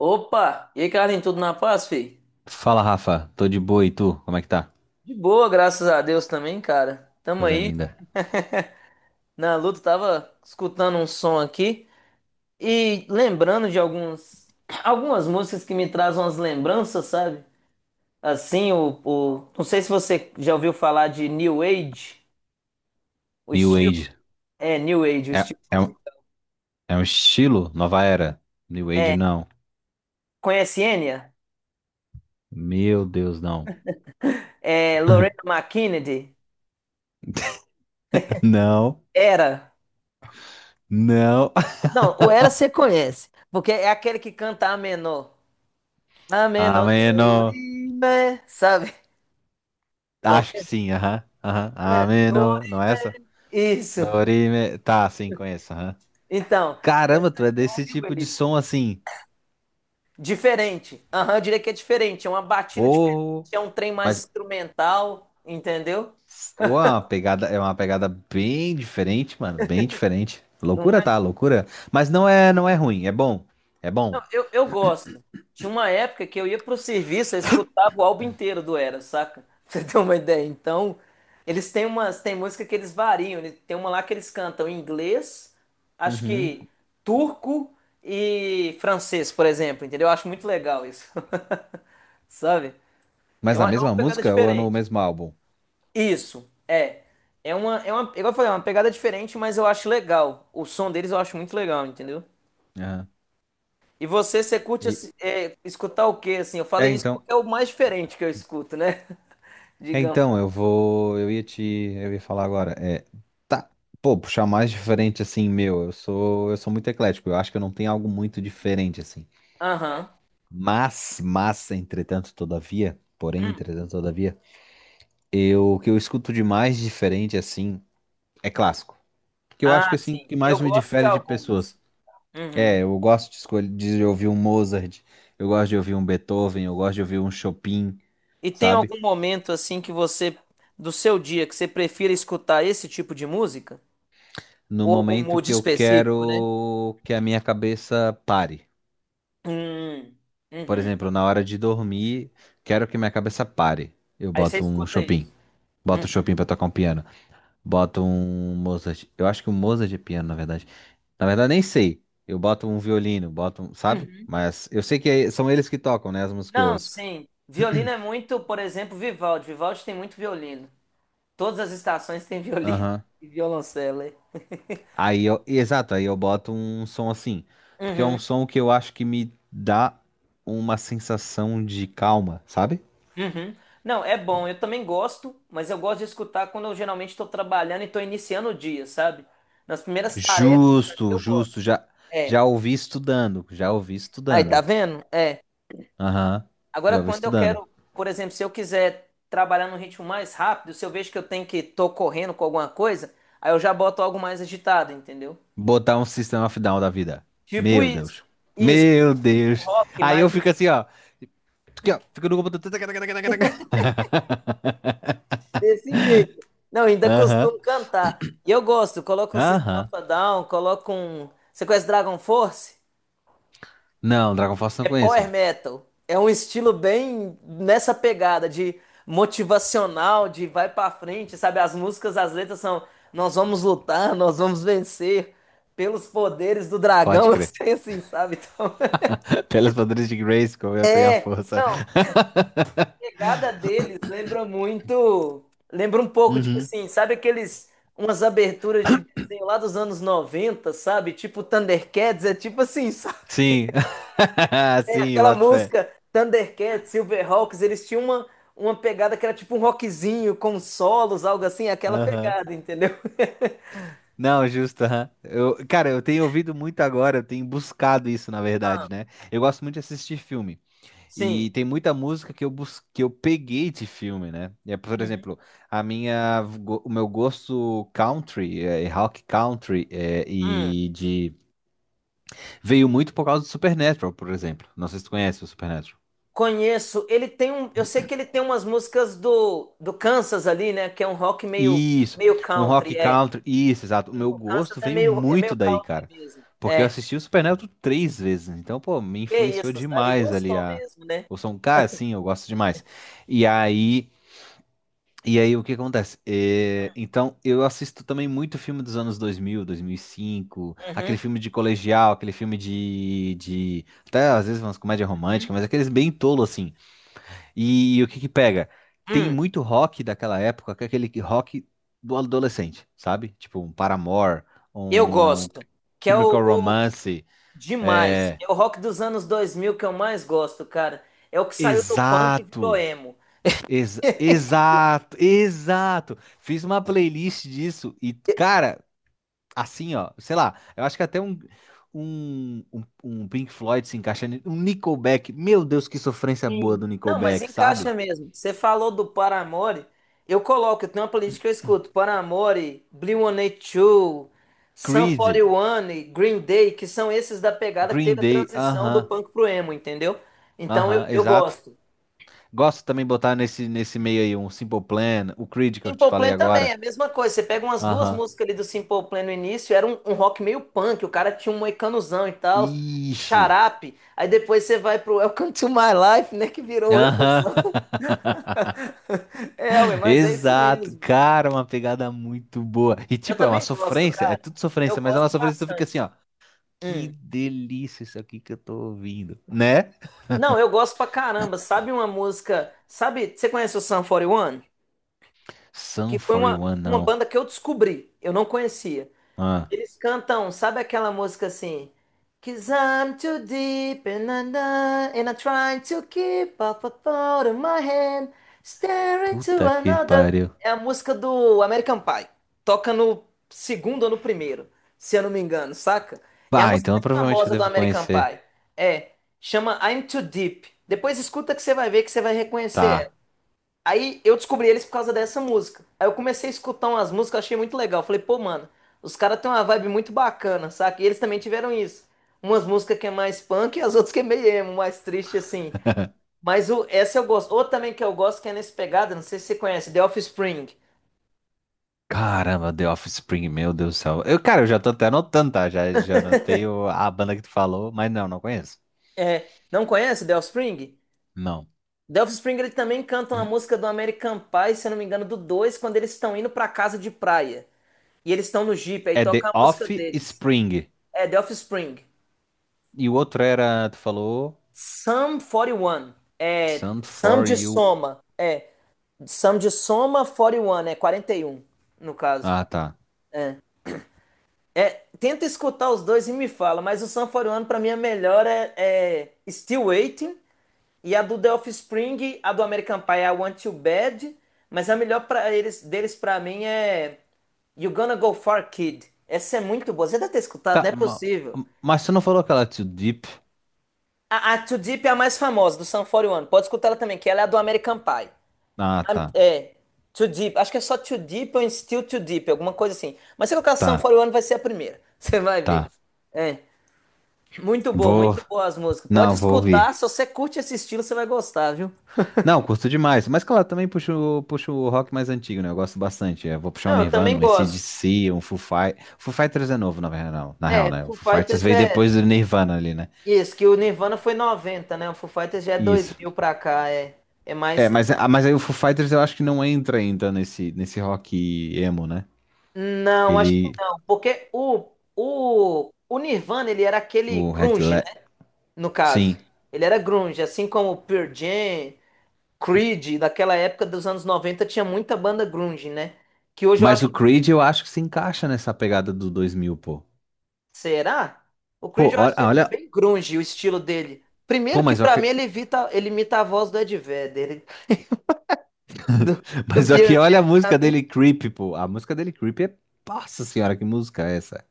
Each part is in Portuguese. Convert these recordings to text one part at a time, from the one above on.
Opa! E aí, Carlinhos, tudo na paz, fi? Fala, Rafa. Tô de boa e tu? Como é que tá? De boa, graças a Deus também, cara. Tamo Coisa aí linda. na luta, tava escutando um som aqui e lembrando de algumas músicas que me trazem umas lembranças, sabe? Assim, não sei se você já ouviu falar de New Age, o New estilo. Age. É, New Age, o É, estilo é, um- musical. É um estilo? Nova era? New Age não. Conhece Enya? Meu Deus, não. É, Lorena McKennedy? Não, Era. não. Não, o Era você conhece, porque é aquele que canta a menor. Ameno, Ameno. dorime, sabe? Acho que Qualquer. sim, aham. Aham. Ameno, Ameno. Não é essa? dorime. Isso. Dorime. Tá, sim, conheço, aham. Então, Caramba, essa tu é é um desse new tipo de wave. som assim. Diferente. Aham, eu diria que é diferente. É uma batida diferente. Porra. É um trem mais Mas instrumental, entendeu? ô, é uma pegada bem diferente, mano. Bem diferente. Loucura, tá? Loucura. Mas não é ruim, é bom. É bom. Não, eu gosto. Tinha uma época que eu ia pro serviço, eu escutava o álbum inteiro do Era, saca? Pra você ter uma ideia. Então, eles têm tem música que eles variam. Tem uma lá que eles cantam em inglês, acho Uhum. que turco e francês, por exemplo, entendeu? Eu acho muito legal isso, sabe? Mas É na uma, é uma mesma pegada música ou é no diferente. mesmo álbum? Isso, é. Igual eu falei, é uma pegada diferente, mas eu acho legal. O som deles eu acho muito legal, entendeu? Aham. E você, você curte E, assim, escutar o quê, assim? Eu é falei isso então, porque é o mais diferente que eu escuto, né? é Digamos. então eu vou, eu ia te, eu ia falar agora, tá, pô, puxar um mais diferente assim, meu, eu sou muito eclético, eu acho que eu não tenho algo muito diferente assim. Aham. Entretanto, todavia, porém, Hum. entretanto, todavia, o que eu escuto de mais diferente assim é clássico, que eu acho que Ah, assim sim. que Eu mais me gosto de difere de algumas. pessoas. Uhum. É, eu gosto de escolher, de ouvir um Mozart, eu gosto de ouvir um Beethoven, eu gosto de ouvir um Chopin, E tem sabe? algum momento, assim, que você, do seu dia, que você prefira escutar esse tipo de música? No Ou algum momento mood que eu específico, né? quero que a minha cabeça pare. Hum. Por Uhum. exemplo, na hora de dormir, quero que minha cabeça pare. Eu Aí você boto um escuta Chopin. isso. Boto o Uhum. Chopin pra tocar um piano. Boto um Mozart. Eu acho que o Mozart é piano, na verdade. Na verdade, nem sei. Eu boto um violino, boto um, sabe? Uhum. Mas eu sei que são eles que tocam, né? As músicas que eu Não, ouço. sim. Violino é muito, por exemplo, Vivaldi. Vivaldi tem muito violino. Todas as estações têm violino Aham. e violoncelo. É. Aí eu, exato, aí eu boto um som assim. Porque é um Uhum, som que eu acho que me dá uma sensação de calma, sabe? uhum. Não, é bom, eu também gosto, mas eu gosto de escutar quando eu geralmente estou trabalhando e estou iniciando o dia, sabe? Nas primeiras tarefas ali Justo, eu justo, gosto. já, É. já ouvi estudando, já ouvi Aí, tá estudando. vendo? É. Aham, já Agora, ouvi quando eu estudando. quero, por exemplo, se eu quiser trabalhar num ritmo mais rápido, se eu vejo que eu tenho que tô correndo com alguma coisa, aí eu já boto algo mais agitado, entendeu? Botar um sistema of Down da vida. Tipo Meu isso. Deus. Isso, Meu um Deus. rock Aí eu mais. fico assim, ó, aqui, ó. Fico no computador. Desse jeito. Não, ainda Aham, costumo cantar. E eu gosto, coloco um System of aham. a Down, coloco um. Você conhece Dragon Force? Não, Dragon Force não É power conheço. metal. É um estilo bem nessa pegada de motivacional, de vai pra frente, sabe? As músicas, as letras são nós vamos lutar, nós vamos vencer pelos poderes do dragão, Pode crer. eu assim, sabe? Então, Pelas padrões de Grayskull, eu tenho a é. força. Pegada deles lembra muito. Lembra um pouco, tipo Uhum. assim, sabe aqueles. Umas aberturas de desenho lá dos anos 90, sabe? Tipo Thundercats, é tipo assim, sabe? Sim. Sim, eu Aquela boto fé. música Thundercats, Silverhawks, eles tinham uma, pegada que era tipo um rockzinho com solos, algo assim, aquela Aham. pegada, entendeu? Não, justo, aham. Cara, eu tenho ouvido muito agora, eu tenho buscado isso, na verdade, né? Eu gosto muito de assistir filme. Sim. E tem muita música que que eu peguei de filme, né? E é, por Uhum. exemplo, o meu gosto country, é, rock country, Hum. Veio muito por causa do Supernatural, por exemplo. Não sei se tu conhece o Supernatural. Conheço. Ele tem um. Eu sei que ele tem umas músicas do Kansas ali, né? Que é um rock meio, Isso, meio um rock country, é. country, isso, exato. O Sim, meu o Kansas gosto é veio meio muito daí, country cara. mesmo. Porque eu É, assisti o Supernatural três vezes, né? Então, pô, me que influenciou isso, aí demais ali gostou mesmo, né? o som. Cara, sim, eu gosto demais. E aí, e aí, o que acontece? Então, eu assisto também muito filme dos anos 2000, 2005, aquele Uhum, filme de colegial, aquele filme de... Até às vezes umas comédias uhum. românticas, mas aqueles bem tolo, assim. E o que que pega? Tem Hum, muito rock daquela época, que é aquele rock do adolescente, sabe? Tipo um Paramore, eu um gosto, que é Chemical o- Romance, demais. é... É o rock dos anos 2000 que eu mais gosto, cara. É o que saiu do punk e virou Exato! emo. Exato! Exato! Fiz uma playlist disso e, cara, assim, ó, sei lá, eu acho que até um Pink Floyd se encaixa, um Nickelback, meu Deus, que sofrência boa Sim. do Não, mas Nickelback, encaixa sabe? mesmo. Você falou do Paramore. Eu tenho uma playlist que eu escuto. Paramore, Blink-182, Sum forty Creed, one Green Day, que são esses da pegada que Green teve a Day, transição do aham, punk pro emo, entendeu? Então aham, eu exato. gosto. Gosto também de botar nesse, meio aí um Simple Plan, o Creed que eu te Simple falei Plan também, é agora. a mesma coisa. Você pega umas duas Aham. músicas ali do Simple Plan no início, era um rock meio punk, o cara tinha um moicanozão e tal, Isso. xarape. Aí depois você vai pro Welcome to My Life, né, que virou emo. Aham. É, ué, mas é isso Exato. mesmo. Cara, uma pegada muito boa. E Eu tipo, é uma também gosto, sofrência, é cara. tudo Eu sofrência, mas é uma gosto sofrência que tu fica assim, bastante. ó. Que Hum. delícia isso aqui que eu tô ouvindo, né? Não, eu gosto pra caramba. Sabe uma música? Sabe, você conhece o Sum 41? Sum Que foi uma, 41, uma não. banda que eu descobri. Eu não conhecia. Ah, Eles cantam, sabe aquela música assim? Cause I'm too deep and, I'm not- and I'm trying to keep up a thought in my head, staring to puta que another. pariu. É a música do American Pie. Toca no segundo ou no primeiro, se eu não me engano, saca? É a Ah, música então mais provavelmente eu famosa do devo American conhecer. Pie. É, chama I'm Too Deep. Depois escuta que você vai ver que você vai Tá. reconhecer. Aí eu descobri eles por causa dessa música. Aí eu comecei a escutar umas músicas, achei muito legal. Falei, pô, mano, os caras têm uma vibe muito bacana, saca? E eles também tiveram isso. Umas músicas que é mais punk e as outras que é meio emo, mais triste assim. Essa eu gosto. Outra também que eu gosto que é nesse pegada, não sei se você conhece, The Offspring. Caramba, The Offspring, meu Deus do céu. Cara, eu já tô até anotando, tá? Já anotei a banda que tu falou, mas não, não conheço. É, não conhece The Offspring? Não. The Offspring ele também canta uma música do American Pie, se eu não me engano, do 2, quando eles estão indo pra casa de praia. E eles estão no Jeep, aí É toca The a música deles. Offspring. É, The Offspring. E o outro era, tu falou, Sum 41. É. Sun Sum For de You. soma. É. Sum de soma 41. É 41 no caso. Ah, tá. É, tenta escutar os dois e me fala, mas o Sum 41 pra mim é melhor é, Still Waiting, e a do The Offspring, a do American Pie é I Want You Bad, mas a melhor deles pra mim é You Gonna Go Far Kid. Essa é muito boa. Você deve ter escutado, não Tá, é possível. mas tu não falou aquela Too Deep? A Too Deep é a mais famosa do Sun 41. Pode escutar ela também, que ela é a do American Pie. Ah, tá. É, Too Deep. Acho que é só Too Deep ou Still Too Deep, alguma coisa assim. Mas se eu colocar Sum Tá, 41 vai ser a primeira. Você vai ver. tá. É, Vou. muito boa as músicas. Pode Não, vou ouvir. escutar, se você curte esse estilo, você vai gostar, viu? Não, curto demais. Mas claro, também puxo o rock mais antigo, né? Eu gosto bastante. Eu vou puxar um Não, eu Nirvana, também um C D gosto. C, um Foo Fighters. Foo Fighters é novo, na verdade, não. Na real, É, né? O Foo Foo Fighters Fighters veio é depois do Nirvana ali, né? isso, que o Nirvana foi 90, né? O Foo Fighters já é dois Isso. mil pra cá, é. É É, mais. mas aí o Foo Fighters eu acho que não entra ainda nesse rock emo, né? Não, acho que Ele. não, porque o Nirvana, ele era aquele O Red grunge, Le... né? No caso. Sim. Ele era grunge, assim como o Pearl Jam, Creed, daquela época dos anos 90 tinha muita banda grunge, né? Que hoje eu Mas acho o que. Creed eu acho que se encaixa nessa pegada do 2000, pô. Será? O Pô, Creed eu acho olha. Ele bem grunge, o estilo dele. Pô, Primeiro que mas, pra ok- mim ele imita a voz do Ed Vedder, do, do mas Pearl aqui, olha a Jam. música dele, Creep, pô. A música dele, Creep. Nossa senhora, que música é essa?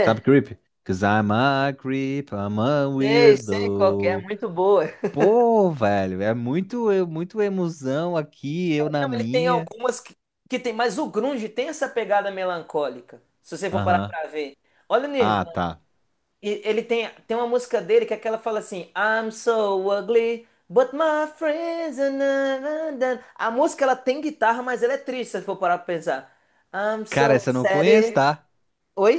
Sabe Creep? Cause I'm a creep, I'm a sei qual que é, weirdo. muito boa. Pô, velho, é muito emoção aqui, eu na Não, ele tem minha. algumas que tem, mas o grunge tem essa pegada melancólica, se você for parar Aham. pra ver. Olha o Ah, Nirvana. tá. E ele tem, uma música dele que é aquela fala assim: I'm so ugly, but my friends are na- na- na. A música ela tem guitarra, mas ela é triste, se for parar pra pensar. I'm Cara, so essa eu não sad. conheço, tá? Oi?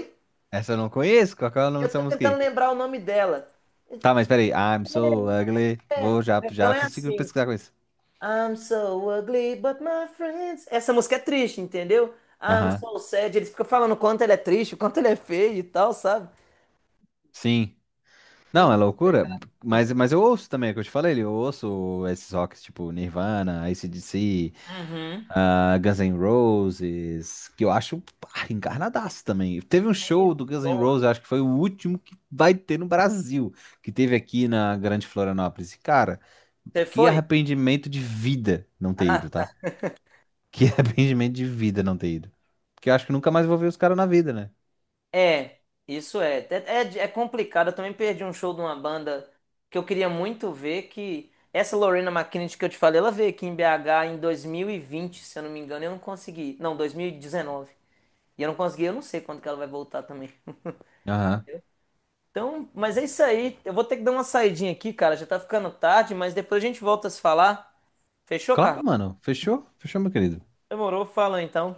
Essa eu não conheço. Qual que é o nome Eu dessa tô música tentando aí? lembrar o nome dela. Tá, mas peraí. I'm so ugly. É, Vou o já, refrão já é consigo assim: pesquisar com isso. I'm so ugly, but my friends. Essa música é triste, entendeu? I'm Aham. so sad. Eles ficam falando o quanto ele é triste, o quanto ele é feio e tal, sabe? Sim. Não, é Muito- loucura. Mas, eu ouço também, é o que eu te falei, eu ouço esses rocks tipo Nirvana, AC/DC. Uhum. Ah, Guns N' Roses, que eu acho pá, encarnadaço também. Teve um Sim, show do muito Guns N' boa. Roses, eu acho que foi o último que vai ter no Brasil, que teve aqui na Grande Florianópolis. E, cara, Você que foi? arrependimento de vida não ter ido, Ah, tá? Que arrependimento de vida não ter ido. Porque eu acho que nunca mais vou ver os caras na vida, né? é, isso é. É, complicado. Eu também perdi um show de uma banda que eu queria muito ver, que essa Lorena McKennitt que eu te falei, ela veio aqui em BH em 2020, se eu não me engano, e eu não consegui. Não, 2019. E 19. E eu não consegui, eu não sei quando que ela vai voltar também. Aham. Então, mas é isso aí. Eu vou ter que dar uma saidinha aqui, cara. Já tá ficando tarde, mas depois a gente volta a se falar. Fechou, Claro, Carlos? mano. Fechou? Fechou, meu querido. Demorou, fala então.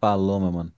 Falou, meu mano.